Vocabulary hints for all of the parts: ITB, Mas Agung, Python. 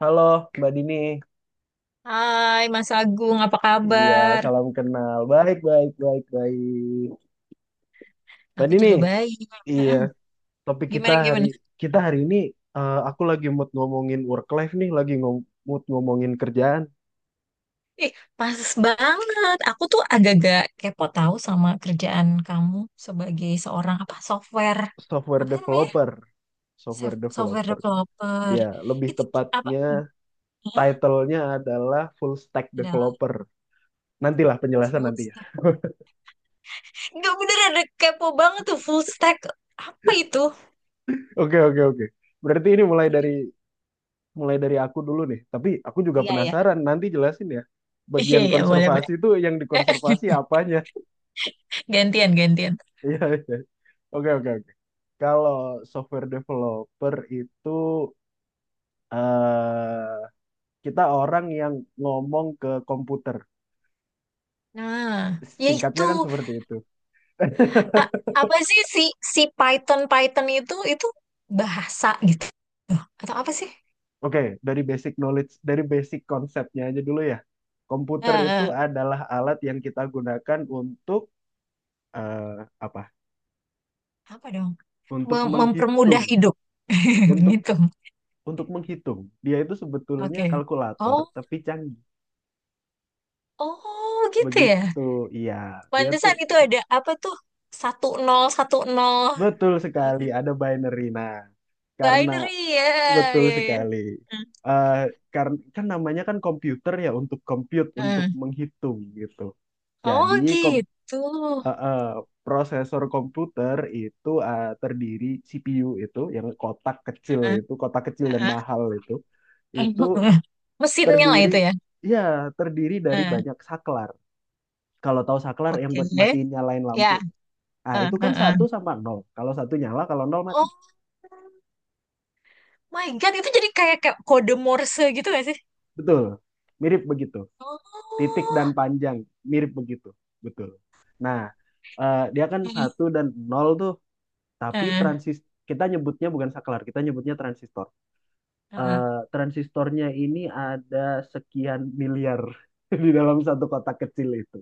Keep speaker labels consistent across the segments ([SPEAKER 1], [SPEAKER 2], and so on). [SPEAKER 1] Halo, Mbak Dini.
[SPEAKER 2] Hai Mas Agung, apa
[SPEAKER 1] Iya,
[SPEAKER 2] kabar?
[SPEAKER 1] salam kenal. Baik, baik, baik, baik. Mbak
[SPEAKER 2] Aku
[SPEAKER 1] Dini,
[SPEAKER 2] juga baik.
[SPEAKER 1] iya,
[SPEAKER 2] Heeh.
[SPEAKER 1] topik kita
[SPEAKER 2] Gimana
[SPEAKER 1] hari
[SPEAKER 2] gimana?
[SPEAKER 1] kita hari ini, aku lagi mood ngomongin work life nih, lagi ngom mood ngomongin kerjaan
[SPEAKER 2] Ih, pas banget. Aku tuh agak-agak kepo tahu sama kerjaan kamu sebagai seorang apa software
[SPEAKER 1] software
[SPEAKER 2] apa sih namanya?
[SPEAKER 1] developer, software
[SPEAKER 2] Software
[SPEAKER 1] developer.
[SPEAKER 2] developer.
[SPEAKER 1] Ya, lebih
[SPEAKER 2] Itu apa?
[SPEAKER 1] tepatnya
[SPEAKER 2] Hah?
[SPEAKER 1] title-nya adalah full stack
[SPEAKER 2] Adalah
[SPEAKER 1] developer. Nantilah penjelasan
[SPEAKER 2] full
[SPEAKER 1] nanti ya.
[SPEAKER 2] stack. Enggak bener ada kepo banget tuh full stack. Apa itu?
[SPEAKER 1] Oke, oke, oke. Berarti ini mulai
[SPEAKER 2] Jadi
[SPEAKER 1] dari mulai dari aku dulu nih. Tapi aku juga
[SPEAKER 2] iya ya.
[SPEAKER 1] penasaran, nanti jelasin ya.
[SPEAKER 2] Iya
[SPEAKER 1] Bagian
[SPEAKER 2] iya boleh boleh.
[SPEAKER 1] konservasi itu yang dikonservasi apanya?
[SPEAKER 2] Gantian gantian.
[SPEAKER 1] Iya, iya. Oke, oke, oke. Kalau software developer itu eh kita orang yang ngomong ke komputer.
[SPEAKER 2] Nah, ya itu.
[SPEAKER 1] Singkatnya kan seperti itu.
[SPEAKER 2] A- Apa sih si si Python Python itu bahasa gitu atau apa sih?
[SPEAKER 1] Oke, dari basic knowledge, dari basic konsepnya aja dulu ya.
[SPEAKER 2] Eh,
[SPEAKER 1] Komputer itu
[SPEAKER 2] eh,
[SPEAKER 1] adalah alat yang kita gunakan untuk eh, apa?
[SPEAKER 2] apa dong?
[SPEAKER 1] Untuk
[SPEAKER 2] Mempermudah
[SPEAKER 1] menghitung,
[SPEAKER 2] hidup
[SPEAKER 1] untuk
[SPEAKER 2] gitu.
[SPEAKER 1] untuk menghitung. Dia itu sebetulnya
[SPEAKER 2] Oke.
[SPEAKER 1] kalkulator,
[SPEAKER 2] Oh,
[SPEAKER 1] tapi canggih.
[SPEAKER 2] oh gitu ya.
[SPEAKER 1] Begitu, iya. Dia tuh
[SPEAKER 2] Pantesan itu
[SPEAKER 1] ka-
[SPEAKER 2] ada apa tuh? Satu nol satu nol
[SPEAKER 1] Betul
[SPEAKER 2] apa
[SPEAKER 1] sekali
[SPEAKER 2] sih?
[SPEAKER 1] ada binary. Nah, karena
[SPEAKER 2] Binary ya,
[SPEAKER 1] betul
[SPEAKER 2] ya ya.
[SPEAKER 1] sekali.
[SPEAKER 2] Hmm.
[SPEAKER 1] Eh karena kan namanya kan komputer ya untuk compute, untuk
[SPEAKER 2] Hmm.
[SPEAKER 1] menghitung gitu. Jadi
[SPEAKER 2] Oh
[SPEAKER 1] kom
[SPEAKER 2] gitu.
[SPEAKER 1] eh, eh, prosesor komputer itu terdiri CPU itu yang kotak kecil
[SPEAKER 2] Heeh,
[SPEAKER 1] itu, kotak kecil dan
[SPEAKER 2] heeh.
[SPEAKER 1] mahal itu
[SPEAKER 2] Mesinnya lah
[SPEAKER 1] terdiri
[SPEAKER 2] itu ya.
[SPEAKER 1] ya, terdiri dari
[SPEAKER 2] Heeh.
[SPEAKER 1] banyak saklar. Kalau tahu saklar yang
[SPEAKER 2] Oke.
[SPEAKER 1] buat matiin nyalain lampu.
[SPEAKER 2] Ya.
[SPEAKER 1] Ah,
[SPEAKER 2] Heeh,
[SPEAKER 1] itu kan
[SPEAKER 2] heeh.
[SPEAKER 1] satu sama nol. Kalau satu nyala, kalau nol
[SPEAKER 2] Oh.
[SPEAKER 1] mati.
[SPEAKER 2] My God, itu jadi kayak, kayak kode Morse gitu gak sih?
[SPEAKER 1] Betul. Mirip begitu. Titik dan
[SPEAKER 2] Oh.
[SPEAKER 1] panjang mirip begitu. Betul. Nah, dia kan
[SPEAKER 2] Heeh,
[SPEAKER 1] satu dan nol tuh, tapi
[SPEAKER 2] heeh,
[SPEAKER 1] transis kita nyebutnya bukan saklar, kita nyebutnya transistor.
[SPEAKER 2] heeh.
[SPEAKER 1] Transistornya ini ada sekian miliar di dalam satu kotak kecil itu.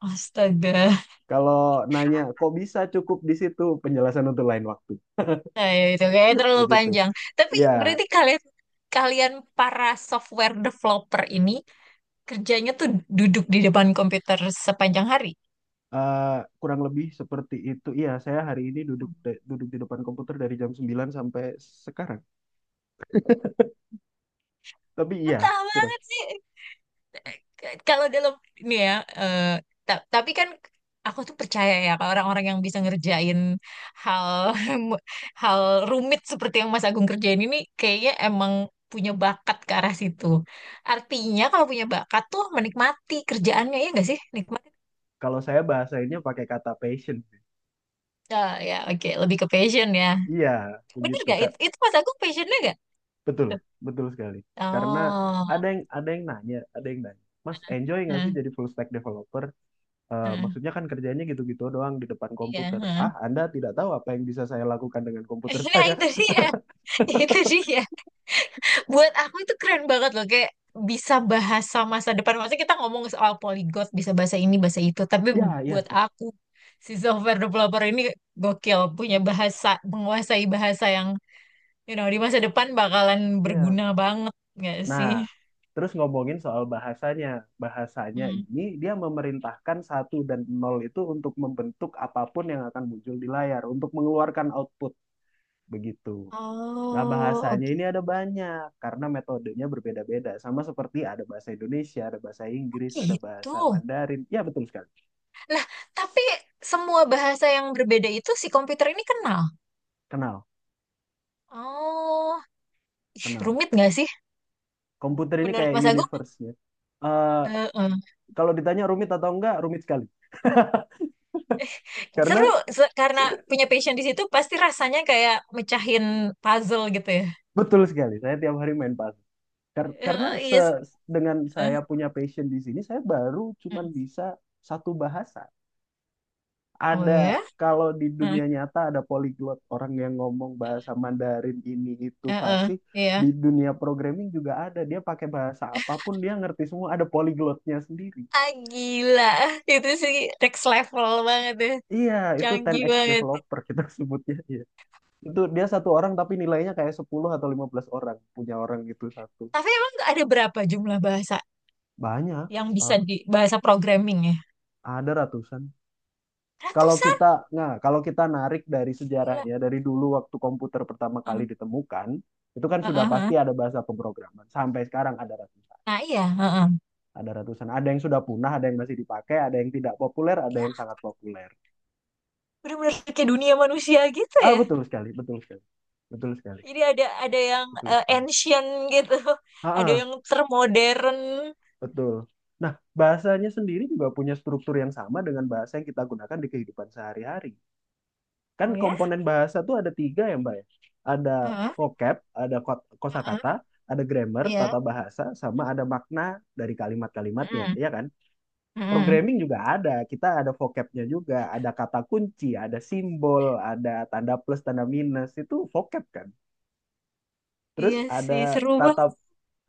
[SPEAKER 2] Astaga.
[SPEAKER 1] Kalau nanya kok bisa cukup di situ, penjelasan untuk lain waktu.
[SPEAKER 2] Nah, ya itu kayak terlalu
[SPEAKER 1] Begitu.
[SPEAKER 2] panjang. Tapi
[SPEAKER 1] Ya,
[SPEAKER 2] berarti kalian kalian para software developer ini kerjanya tuh duduk di depan komputer sepanjang hari.
[SPEAKER 1] Eh, kurang lebih seperti itu. Iya, saya hari ini duduk di depan komputer dari jam 9 sampai sekarang. Tapi iya,
[SPEAKER 2] Betah
[SPEAKER 1] kurang.
[SPEAKER 2] banget sih. Kalau dalam ini ya eh, tapi kan aku tuh percaya ya kalau orang-orang yang bisa ngerjain hal hal rumit seperti yang Mas Agung kerjain ini kayaknya emang punya bakat ke arah situ. Artinya kalau punya bakat tuh menikmati kerjaannya ya nggak sih? Nikmati.
[SPEAKER 1] Kalau saya bahasainnya pakai kata passion sih.
[SPEAKER 2] Ah, ya oke. Lebih ke passion ya.
[SPEAKER 1] Iya,
[SPEAKER 2] Bener
[SPEAKER 1] begitu,
[SPEAKER 2] gak?
[SPEAKER 1] Kak.
[SPEAKER 2] Itu Mas Agung passionnya gak?
[SPEAKER 1] Betul, betul sekali. Karena
[SPEAKER 2] Oh,
[SPEAKER 1] ada yang nanya, ada yang nanya. Mas, enjoy nggak sih
[SPEAKER 2] hmm,
[SPEAKER 1] jadi full stack developer?
[SPEAKER 2] hmm,
[SPEAKER 1] Maksudnya kan kerjanya gitu-gitu doang di depan
[SPEAKER 2] iya,
[SPEAKER 1] komputer.
[SPEAKER 2] hmm.
[SPEAKER 1] Ah, Anda tidak tahu apa yang bisa saya lakukan dengan komputer
[SPEAKER 2] Nah
[SPEAKER 1] saya.
[SPEAKER 2] itu dia, itu dia. Buat aku itu keren banget loh kayak bisa bahasa masa depan, maksudnya kita ngomong soal polyglot bisa bahasa ini bahasa itu, tapi
[SPEAKER 1] Ya, ya,
[SPEAKER 2] buat aku si software developer ini gokil punya bahasa, menguasai bahasa yang di masa depan bakalan
[SPEAKER 1] ya.
[SPEAKER 2] berguna banget nggak
[SPEAKER 1] Nah,
[SPEAKER 2] sih.
[SPEAKER 1] terus ngomongin soal bahasanya. Bahasanya
[SPEAKER 2] Hmm.
[SPEAKER 1] ini dia memerintahkan satu dan nol itu untuk membentuk apapun yang akan muncul di layar, untuk mengeluarkan output begitu. Nah,
[SPEAKER 2] Oh,
[SPEAKER 1] bahasanya
[SPEAKER 2] oke.
[SPEAKER 1] ini ada banyak karena metodenya berbeda-beda. Sama seperti ada bahasa Indonesia, ada bahasa Inggris, ada
[SPEAKER 2] Gitu.
[SPEAKER 1] bahasa Mandarin. Ya, betul sekali.
[SPEAKER 2] Nah, tapi semua bahasa yang berbeda itu si komputer ini kenal.
[SPEAKER 1] Kenal,
[SPEAKER 2] Oh, ih,
[SPEAKER 1] kenal.
[SPEAKER 2] rumit nggak sih?
[SPEAKER 1] Komputer ini
[SPEAKER 2] Menurut
[SPEAKER 1] kayak
[SPEAKER 2] Mas Agung?
[SPEAKER 1] universe-nya. Eh,
[SPEAKER 2] Heeh.
[SPEAKER 1] Kalau ditanya rumit atau enggak, rumit sekali.
[SPEAKER 2] Seru
[SPEAKER 1] Karena
[SPEAKER 2] karena punya passion di situ pasti rasanya kayak mecahin puzzle gitu ya.
[SPEAKER 1] betul sekali, saya tiap hari main pas. Kar- karena se
[SPEAKER 2] Iya, seru.
[SPEAKER 1] Dengan saya punya passion di sini, saya baru cuman
[SPEAKER 2] Hmm.
[SPEAKER 1] bisa satu bahasa.
[SPEAKER 2] Oh
[SPEAKER 1] Ada
[SPEAKER 2] ya?
[SPEAKER 1] Kalau di
[SPEAKER 2] Hmm.
[SPEAKER 1] dunia nyata ada polyglot, orang yang ngomong bahasa Mandarin ini itu
[SPEAKER 2] Eh, eh,
[SPEAKER 1] fasih.
[SPEAKER 2] Iya.
[SPEAKER 1] Di dunia programming juga ada. Dia pakai bahasa apapun dia ngerti semua. Ada polyglotnya sendiri.
[SPEAKER 2] Ah gila. Itu sih next level banget ya.
[SPEAKER 1] Iya, itu
[SPEAKER 2] Canggih
[SPEAKER 1] 10x
[SPEAKER 2] banget.
[SPEAKER 1] developer kita sebutnya. Iya. Itu dia satu orang tapi nilainya kayak 10 atau 15 orang, punya orang itu satu.
[SPEAKER 2] Tapi emang ada berapa jumlah bahasa
[SPEAKER 1] Banyak.
[SPEAKER 2] yang bisa
[SPEAKER 1] Ah,
[SPEAKER 2] di bahasa programming ya?
[SPEAKER 1] ada ratusan. Kalau
[SPEAKER 2] Ratusan.
[SPEAKER 1] kita, nah, kalau kita narik dari
[SPEAKER 2] Gila.
[SPEAKER 1] sejarahnya, dari dulu waktu komputer pertama kali
[SPEAKER 2] Hmm.
[SPEAKER 1] ditemukan, itu kan
[SPEAKER 2] Eh,
[SPEAKER 1] sudah
[SPEAKER 2] eh,
[SPEAKER 1] pasti
[SPEAKER 2] eh.
[SPEAKER 1] ada bahasa pemrograman. Sampai sekarang ada ratusan,
[SPEAKER 2] Nah iya. eh, eh.
[SPEAKER 1] ada ratusan. Ada yang sudah punah, ada yang masih dipakai, ada yang tidak populer, ada
[SPEAKER 2] Ya
[SPEAKER 1] yang sangat populer.
[SPEAKER 2] bener-bener kayak dunia manusia gitu
[SPEAKER 1] Ah,
[SPEAKER 2] ya.
[SPEAKER 1] betul sekali, betul sekali, betul sekali,
[SPEAKER 2] Jadi ada yang
[SPEAKER 1] betul sekali.
[SPEAKER 2] ancient gitu,
[SPEAKER 1] Ah,
[SPEAKER 2] ada
[SPEAKER 1] ah,
[SPEAKER 2] yang termodern.
[SPEAKER 1] betul. Nah, bahasanya sendiri juga punya struktur yang sama dengan bahasa yang kita gunakan di kehidupan sehari-hari. Kan
[SPEAKER 2] Oh ya?
[SPEAKER 1] komponen bahasa tuh ada tiga ya Mbak ya, ada
[SPEAKER 2] Heeh,
[SPEAKER 1] vocab, ada kosakata,
[SPEAKER 2] heeh,
[SPEAKER 1] ada grammar
[SPEAKER 2] iya.
[SPEAKER 1] tata bahasa, sama ada makna dari kalimat-kalimatnya
[SPEAKER 2] Mm-mm.
[SPEAKER 1] ya kan. Programming juga ada, kita ada vocabnya juga, ada kata kunci, ada simbol, ada tanda plus tanda minus, itu vocab kan. Terus
[SPEAKER 2] Iya sih, seru
[SPEAKER 1] tata
[SPEAKER 2] banget.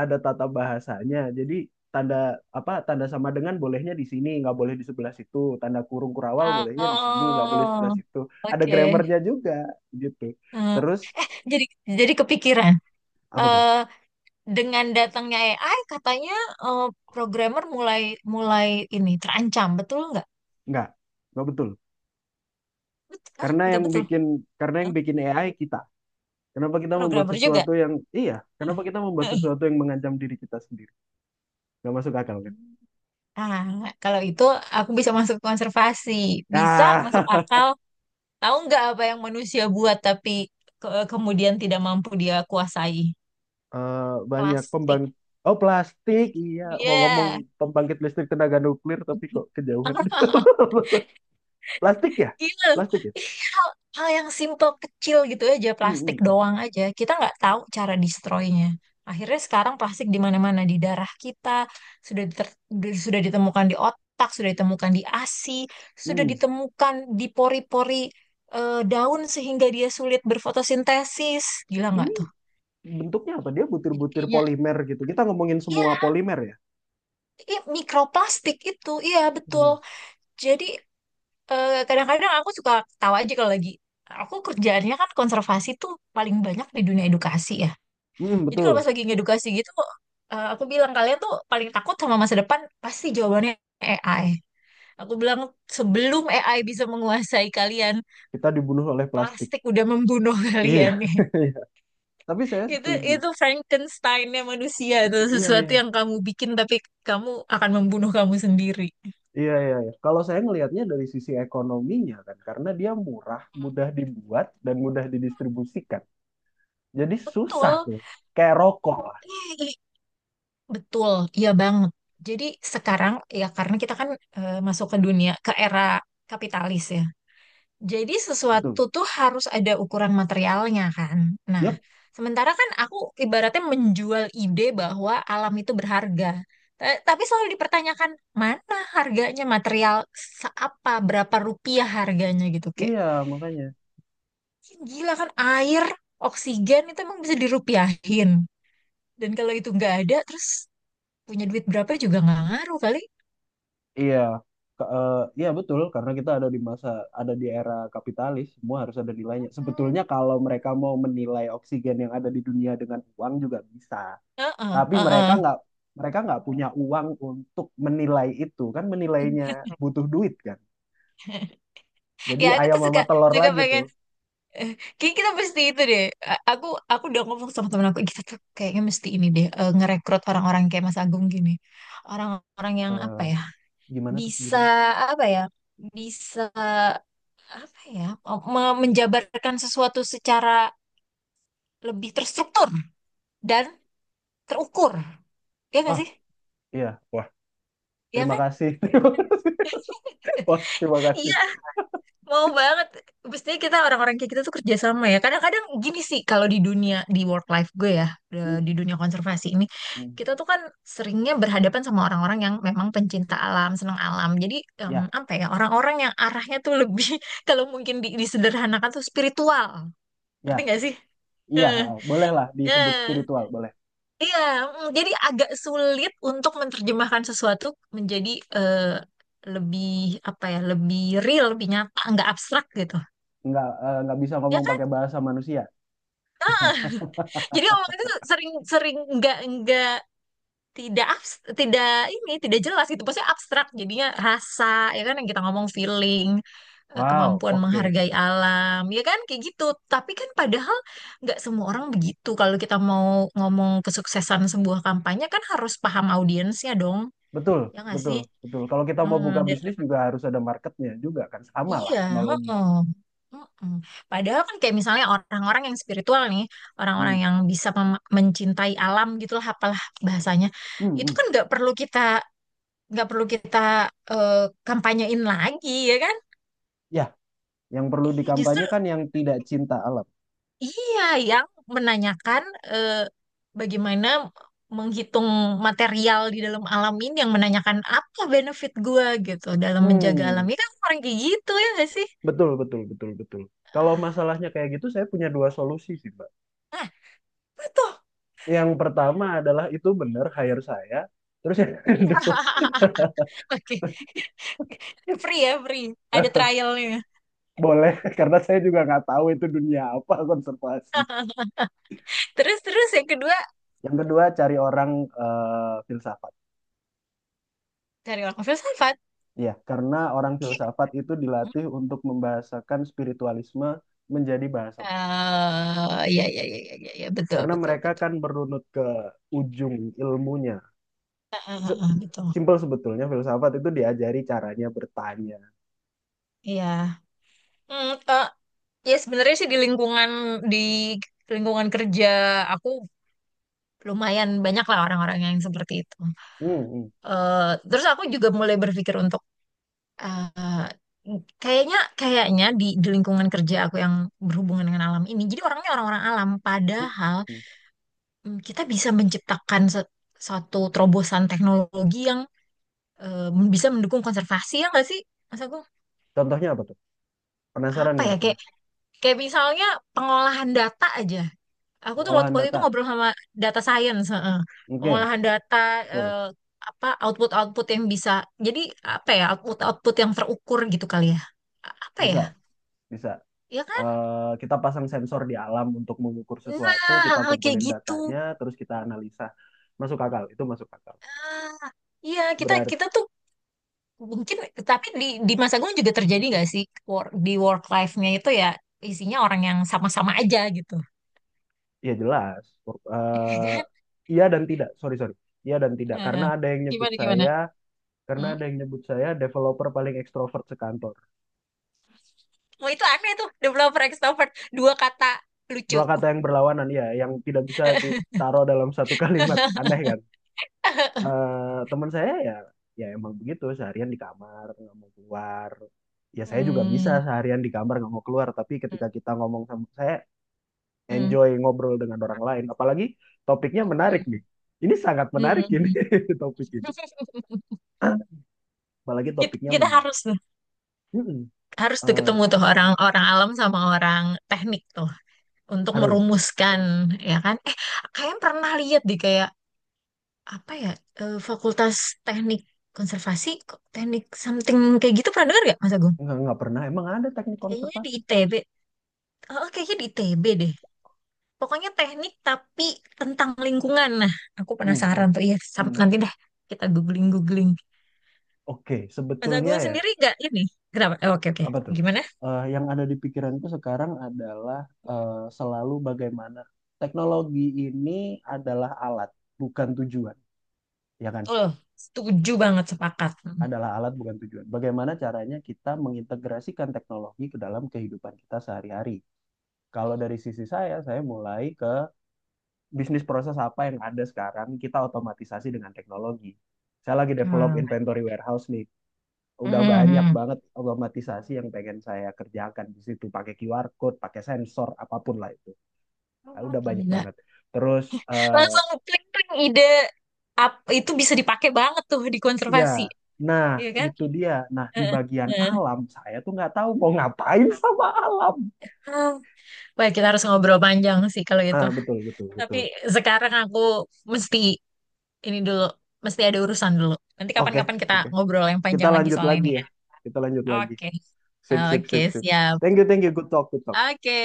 [SPEAKER 1] ada tata bahasanya. Jadi tanda tanda sama dengan bolehnya di sini, nggak boleh di sebelah situ. Tanda kurung kurawal bolehnya di sini, nggak boleh sebelah
[SPEAKER 2] Oh,
[SPEAKER 1] situ. Ada
[SPEAKER 2] oke.
[SPEAKER 1] grammarnya juga gitu.
[SPEAKER 2] Heeh.
[SPEAKER 1] Terus
[SPEAKER 2] Jadi, jadi kepikiran.
[SPEAKER 1] apa tuh?
[SPEAKER 2] Eh, dengan datangnya AI, katanya eh, programmer mulai mulai ini terancam, betul nggak?
[SPEAKER 1] Nggak, nggak betul. Karena
[SPEAKER 2] Nggak
[SPEAKER 1] yang
[SPEAKER 2] betul.
[SPEAKER 1] bikin karena
[SPEAKER 2] Hah?
[SPEAKER 1] yang bikin AI kita. Kenapa kita membuat
[SPEAKER 2] Programmer juga.
[SPEAKER 1] sesuatu yang iya? Kenapa kita membuat sesuatu yang mengancam diri kita sendiri? Nggak masuk akal kan?
[SPEAKER 2] Ah, kalau itu aku bisa masuk konservasi, bisa masuk
[SPEAKER 1] Ah,
[SPEAKER 2] akal. Tahu nggak apa yang manusia buat tapi kemudian tidak mampu dia kuasai?
[SPEAKER 1] eh, banyak pembang
[SPEAKER 2] Plastik.
[SPEAKER 1] Oh plastik, iya. Mau ngomong
[SPEAKER 2] Iya.
[SPEAKER 1] pembangkit listrik tenaga nuklir, tapi kok kejauhan. Plastik ya?
[SPEAKER 2] Gila. Iya,
[SPEAKER 1] Plastik ya?
[SPEAKER 2] hal, hal yang simple kecil gitu aja
[SPEAKER 1] Hmm, hmm,
[SPEAKER 2] plastik
[SPEAKER 1] hmm.
[SPEAKER 2] doang aja. Kita nggak tahu cara destroy-nya. Akhirnya sekarang plastik di mana-mana, di darah kita sudah diter- sudah ditemukan di otak, sudah ditemukan di ASI, sudah
[SPEAKER 1] Hmm.
[SPEAKER 2] ditemukan di pori-pori daun sehingga dia sulit berfotosintesis. Gila nggak
[SPEAKER 1] Ini
[SPEAKER 2] tuh?
[SPEAKER 1] bentuknya apa? Dia
[SPEAKER 2] Jadi
[SPEAKER 1] butir-butir
[SPEAKER 2] kayaknya
[SPEAKER 1] polimer gitu. Kita ngomongin semua
[SPEAKER 2] iya,
[SPEAKER 1] polimer ya?
[SPEAKER 2] iya, mikroplastik itu iya betul.
[SPEAKER 1] Hmm.
[SPEAKER 2] Jadi kadang-kadang aku suka tahu aja kalau lagi aku kerjaannya kan konservasi tuh paling banyak di dunia edukasi ya.
[SPEAKER 1] Hmm,
[SPEAKER 2] Jadi kalau pas
[SPEAKER 1] betul.
[SPEAKER 2] lagi ngedukasi gitu, aku bilang kalian tuh paling takut sama masa depan pasti jawabannya AI. Aku bilang sebelum AI bisa menguasai kalian,
[SPEAKER 1] Kita dibunuh oleh plastik.
[SPEAKER 2] plastik udah membunuh
[SPEAKER 1] Iya.
[SPEAKER 2] kalian nih.
[SPEAKER 1] Tapi saya setuju.
[SPEAKER 2] Itu Frankensteinnya manusia, itu
[SPEAKER 1] Iya,
[SPEAKER 2] sesuatu
[SPEAKER 1] iya.
[SPEAKER 2] yang kamu bikin tapi kamu akan membunuh kamu sendiri.
[SPEAKER 1] Iya, iya, iya. Kalau saya ngelihatnya dari sisi ekonominya kan, karena dia murah, mudah dibuat, dan mudah didistribusikan. Jadi susah
[SPEAKER 2] Betul.
[SPEAKER 1] tuh. Kayak rokok lah.
[SPEAKER 2] Eh, Betul, iya banget. Jadi sekarang ya karena kita kan masuk ke dunia ke era kapitalis ya. Jadi sesuatu
[SPEAKER 1] Betul.
[SPEAKER 2] tuh harus ada ukuran materialnya kan. Nah,
[SPEAKER 1] Yap.
[SPEAKER 2] sementara kan aku ibaratnya menjual ide bahwa alam itu berharga. Tapi selalu dipertanyakan mana harganya material, seapa berapa rupiah harganya gitu, kayak
[SPEAKER 1] Iya, makanya.
[SPEAKER 2] gila kan. Air, oksigen itu emang bisa dirupiahin. Dan kalau itu nggak ada terus punya duit berapa juga nggak ngaruh kali.
[SPEAKER 1] Iya, Ke- eh, iya betul karena kita ada di era kapitalis, semua harus ada nilainya.
[SPEAKER 2] Heeh,
[SPEAKER 1] Sebetulnya kalau mereka mau menilai oksigen yang ada di dunia dengan uang juga bisa, tapi mereka
[SPEAKER 2] heeh.
[SPEAKER 1] nggak mereka nggak punya uang untuk menilai itu kan, menilainya butuh duit kan. Jadi
[SPEAKER 2] Ya aku
[SPEAKER 1] ayam
[SPEAKER 2] tuh suka
[SPEAKER 1] sama telur
[SPEAKER 2] suka
[SPEAKER 1] lagi tuh.
[SPEAKER 2] pengen eh, kayak kita mesti itu deh. A- Aku aku udah ngomong sama temen aku, kita tuh kayaknya mesti ini deh, ngerekrut orang-orang kayak Mas Agung gini. Orang-orang yang apa
[SPEAKER 1] Eh,
[SPEAKER 2] ya?
[SPEAKER 1] Gimana tuh
[SPEAKER 2] Bisa
[SPEAKER 1] gimana?
[SPEAKER 2] apa ya? Bisa apa ya? Menjabarkan sesuatu secara lebih terstruktur dan terukur. Ya nggak
[SPEAKER 1] Ah,
[SPEAKER 2] sih?
[SPEAKER 1] iya, wah
[SPEAKER 2] Ya
[SPEAKER 1] terima
[SPEAKER 2] kan?
[SPEAKER 1] kasih, terima kasih, wah terima kasih.
[SPEAKER 2] Iya, mau banget. Pastinya kita orang-orang kayak kita tuh kerja sama ya. Kadang-kadang gini sih kalau di dunia di work life gue ya, di
[SPEAKER 1] Hmm,
[SPEAKER 2] dunia konservasi ini,
[SPEAKER 1] hmm.
[SPEAKER 2] kita tuh kan seringnya berhadapan sama orang-orang yang memang pencinta alam, senang alam. Jadi
[SPEAKER 1] Ya,
[SPEAKER 2] apa ya, orang-orang yang arahnya tuh lebih kalau mungkin disederhanakan tuh spiritual.
[SPEAKER 1] ya,
[SPEAKER 2] Ngerti gak sih?
[SPEAKER 1] iya,
[SPEAKER 2] Eh,
[SPEAKER 1] bolehlah disebut
[SPEAKER 2] eh.
[SPEAKER 1] spiritual, boleh.
[SPEAKER 2] Iya, mm, jadi agak sulit untuk menerjemahkan sesuatu menjadi eh, lebih apa ya, lebih real, lebih nyata, nggak abstrak gitu.
[SPEAKER 1] Nggak bisa
[SPEAKER 2] Ya
[SPEAKER 1] ngomong
[SPEAKER 2] kan?
[SPEAKER 1] pakai bahasa manusia.
[SPEAKER 2] Jadi omongan itu sering sering nggak tidak ini tidak jelas gitu. Maksudnya abstrak jadinya rasa, ya kan yang kita ngomong feeling,
[SPEAKER 1] Wow,
[SPEAKER 2] kemampuan
[SPEAKER 1] oke.
[SPEAKER 2] menghargai alam ya kan kayak gitu. Tapi kan padahal nggak semua orang begitu. Kalau kita mau ngomong kesuksesan sebuah kampanye kan harus paham audiensnya dong.
[SPEAKER 1] Betul,
[SPEAKER 2] Ya nggak
[SPEAKER 1] betul,
[SPEAKER 2] sih?
[SPEAKER 1] betul. Kalau kita mau
[SPEAKER 2] Heeh.
[SPEAKER 1] buka bisnis juga harus ada marketnya juga kan. Sama lah
[SPEAKER 2] Iya,
[SPEAKER 1] analoginya.
[SPEAKER 2] heeh. Heeh. Padahal kan kayak misalnya orang-orang yang spiritual nih,
[SPEAKER 1] Hmm.
[SPEAKER 2] orang-orang yang bisa mencintai alam gitulah, apalah bahasanya,
[SPEAKER 1] Hmm,
[SPEAKER 2] itu
[SPEAKER 1] hmm.
[SPEAKER 2] kan nggak perlu kita eh, kampanyein lagi ya kan?
[SPEAKER 1] Ya, yang perlu
[SPEAKER 2] Iya, justru
[SPEAKER 1] dikampanyekan yang tidak cinta alam.
[SPEAKER 2] iya yang menanyakan eh, bagaimana menghitung material di dalam alam ini, yang menanyakan apa benefit gua gitu dalam menjaga alam
[SPEAKER 1] Hmm,
[SPEAKER 2] ini kan orang kayak gitu ya nggak sih?
[SPEAKER 1] betul, betul, betul, betul. Kalau
[SPEAKER 2] Ah,
[SPEAKER 1] masalahnya kayak gitu, saya punya dua solusi sih, Mbak.
[SPEAKER 2] nah, betul.
[SPEAKER 1] Yang pertama adalah itu benar, hire saya. Terus yang kedua,
[SPEAKER 2] Oke. Free ya, free. Ada trialnya.
[SPEAKER 1] boleh, karena saya juga nggak tahu itu dunia apa konservasi.
[SPEAKER 2] Terus terus yang kedua
[SPEAKER 1] Yang kedua, cari orang filsafat.
[SPEAKER 2] dari orang filsafat.
[SPEAKER 1] Ya, karena orang filsafat itu dilatih untuk membahasakan spiritualisme menjadi bahasa
[SPEAKER 2] Eh,
[SPEAKER 1] manusia.
[SPEAKER 2] ya, ya, ya, ya, ya, ya, betul,
[SPEAKER 1] Karena
[SPEAKER 2] betul,
[SPEAKER 1] mereka
[SPEAKER 2] betul.
[SPEAKER 1] kan merunut ke ujung ilmunya.
[SPEAKER 2] Ah, ah,
[SPEAKER 1] Se-
[SPEAKER 2] ah, betul.
[SPEAKER 1] Simpel sebetulnya, filsafat itu diajari caranya bertanya.
[SPEAKER 2] Iya. Hmm, eh, ya sebenarnya sih di lingkungan di lingkungan kerja aku lumayan banyak lah orang-orang yang seperti itu.
[SPEAKER 1] Hmm, hmm,
[SPEAKER 2] Eh, terus aku juga mulai berpikir untuk eh, kayaknya kayaknya di lingkungan kerja aku yang berhubungan dengan alam ini. Jadi orangnya orang-orang alam,
[SPEAKER 1] hmm,
[SPEAKER 2] padahal
[SPEAKER 1] hmm.
[SPEAKER 2] mm, kita bisa menciptakan suatu terobosan teknologi yang eh, bisa mendukung konservasi ya nggak sih? Mas Agung,
[SPEAKER 1] Contohnya apa tuh? Penasaran
[SPEAKER 2] apa
[SPEAKER 1] ya
[SPEAKER 2] ya
[SPEAKER 1] aku
[SPEAKER 2] kayak
[SPEAKER 1] nih.
[SPEAKER 2] kayak misalnya pengolahan data aja. Aku tuh waktu,
[SPEAKER 1] Pengolahan
[SPEAKER 2] waktu itu
[SPEAKER 1] data.
[SPEAKER 2] ngobrol sama data science, heeh.
[SPEAKER 1] Oke,
[SPEAKER 2] Pengolahan data
[SPEAKER 1] betul.
[SPEAKER 2] eh, apa output-output yang bisa jadi apa ya output-output yang terukur gitu kali ya. Apa ya?
[SPEAKER 1] Bisa, bisa.
[SPEAKER 2] Ya kan?
[SPEAKER 1] Kita pasang sensor di alam untuk mengukur sesuatu,
[SPEAKER 2] Nah,
[SPEAKER 1] kita
[SPEAKER 2] hal-hal kayak
[SPEAKER 1] kumpulin
[SPEAKER 2] gitu.
[SPEAKER 1] datanya, terus kita analisa. Masuk akal, itu masuk akal.
[SPEAKER 2] Ah, iya, kita
[SPEAKER 1] Berarti,
[SPEAKER 2] kita tuh mungkin, tapi di masa gue juga terjadi nggak sih, work- di work life-nya itu ya isinya orang yang sama-sama aja gitu.
[SPEAKER 1] ya jelas. Eh, iya dan tidak, sorry, sorry. Iya dan tidak,
[SPEAKER 2] Eh, gimana, gimana?
[SPEAKER 1] karena
[SPEAKER 2] Hmm?
[SPEAKER 1] ada yang nyebut saya developer paling ekstrovert sekantor.
[SPEAKER 2] Oh, itu aneh tuh, developer extrovert. Dua kata lucu.
[SPEAKER 1] Dua kata yang berlawanan, ya, yang tidak bisa ditaruh dalam satu kalimat. Aneh kan? Teman saya ya, ya emang begitu seharian di kamar nggak mau keluar, ya saya juga bisa
[SPEAKER 2] Hmm.
[SPEAKER 1] seharian di kamar nggak mau keluar, tapi ketika kita ngomong sama saya,
[SPEAKER 2] Hmm.
[SPEAKER 1] enjoy ngobrol dengan orang lain, apalagi topiknya menarik
[SPEAKER 2] Hmm.
[SPEAKER 1] nih, ini sangat menarik ini,
[SPEAKER 2] Hmm.
[SPEAKER 1] topik ini, apalagi
[SPEAKER 2] Kita,
[SPEAKER 1] topiknya
[SPEAKER 2] kita
[SPEAKER 1] menarik. Mm-mm.
[SPEAKER 2] harus tuh
[SPEAKER 1] Eh,
[SPEAKER 2] ketemu tuh orang-orang alam sama orang teknik tuh untuk
[SPEAKER 1] harus
[SPEAKER 2] merumuskan ya kan? Eh, kalian pernah lihat deh kayak apa ya Fakultas Teknik Konservasi kok teknik something kayak gitu pernah dengar gak Mas Agung?
[SPEAKER 1] Nggak pernah, emang ada teknik
[SPEAKER 2] Kayaknya di
[SPEAKER 1] konservasi?
[SPEAKER 2] ITB. Oh, kayaknya di ITB deh. Pokoknya teknik tapi tentang lingkungan. Nah, aku
[SPEAKER 1] Mm-mm.
[SPEAKER 2] penasaran tuh. Iya, sam-
[SPEAKER 1] Mm-mm.
[SPEAKER 2] nanti deh kita googling-googling.
[SPEAKER 1] Oke,
[SPEAKER 2] Mas
[SPEAKER 1] sebetulnya
[SPEAKER 2] Agung
[SPEAKER 1] ya.
[SPEAKER 2] sendiri gak ini? Kenapa? Eh, oke, oke.
[SPEAKER 1] Apa tuh?
[SPEAKER 2] Gimana?
[SPEAKER 1] Yang ada di pikiranku sekarang adalah selalu bagaimana teknologi ini adalah alat, bukan tujuan, ya kan?
[SPEAKER 2] Betul. Setuju banget, sepakat. Hmm.
[SPEAKER 1] Adalah alat, bukan tujuan. Bagaimana caranya kita mengintegrasikan teknologi ke dalam kehidupan kita sehari-hari? Kalau dari sisi saya mulai ke bisnis proses apa yang ada sekarang, kita otomatisasi dengan teknologi. Saya lagi develop
[SPEAKER 2] Hmm.
[SPEAKER 1] inventory warehouse nih. Udah
[SPEAKER 2] Hmm,
[SPEAKER 1] banyak
[SPEAKER 2] hmm.
[SPEAKER 1] banget otomatisasi yang pengen saya kerjakan di situ pakai QR code, pakai sensor apapun lah itu. Nah,
[SPEAKER 2] Oh,
[SPEAKER 1] udah banyak
[SPEAKER 2] gila.
[SPEAKER 1] banget. Terus
[SPEAKER 2] Langsung klik-klik ide. Ap, itu bisa dipakai banget tuh di
[SPEAKER 1] ya,
[SPEAKER 2] konservasi.
[SPEAKER 1] nah
[SPEAKER 2] Iya kan?
[SPEAKER 1] itu dia. Nah, di
[SPEAKER 2] Heeh,
[SPEAKER 1] bagian
[SPEAKER 2] heeh.
[SPEAKER 1] alam saya tuh nggak tahu mau ngapain sama alam.
[SPEAKER 2] Hmm, wah, kita harus ngobrol panjang sih kalau itu.
[SPEAKER 1] Ah, betul betul
[SPEAKER 2] Tapi
[SPEAKER 1] betul.
[SPEAKER 2] sekarang aku mesti ini dulu, mesti ada urusan dulu. Nanti
[SPEAKER 1] Oke,
[SPEAKER 2] kapan-kapan kita
[SPEAKER 1] oke.
[SPEAKER 2] ngobrol yang
[SPEAKER 1] Kita
[SPEAKER 2] panjang lagi
[SPEAKER 1] lanjut
[SPEAKER 2] soal
[SPEAKER 1] lagi
[SPEAKER 2] ini
[SPEAKER 1] ya.
[SPEAKER 2] ya.
[SPEAKER 1] Kita lanjut lagi.
[SPEAKER 2] Oke,
[SPEAKER 1] Sip sip
[SPEAKER 2] oke,
[SPEAKER 1] sip sip.
[SPEAKER 2] siap.
[SPEAKER 1] Thank you thank you. Good talk good talk.
[SPEAKER 2] Oke.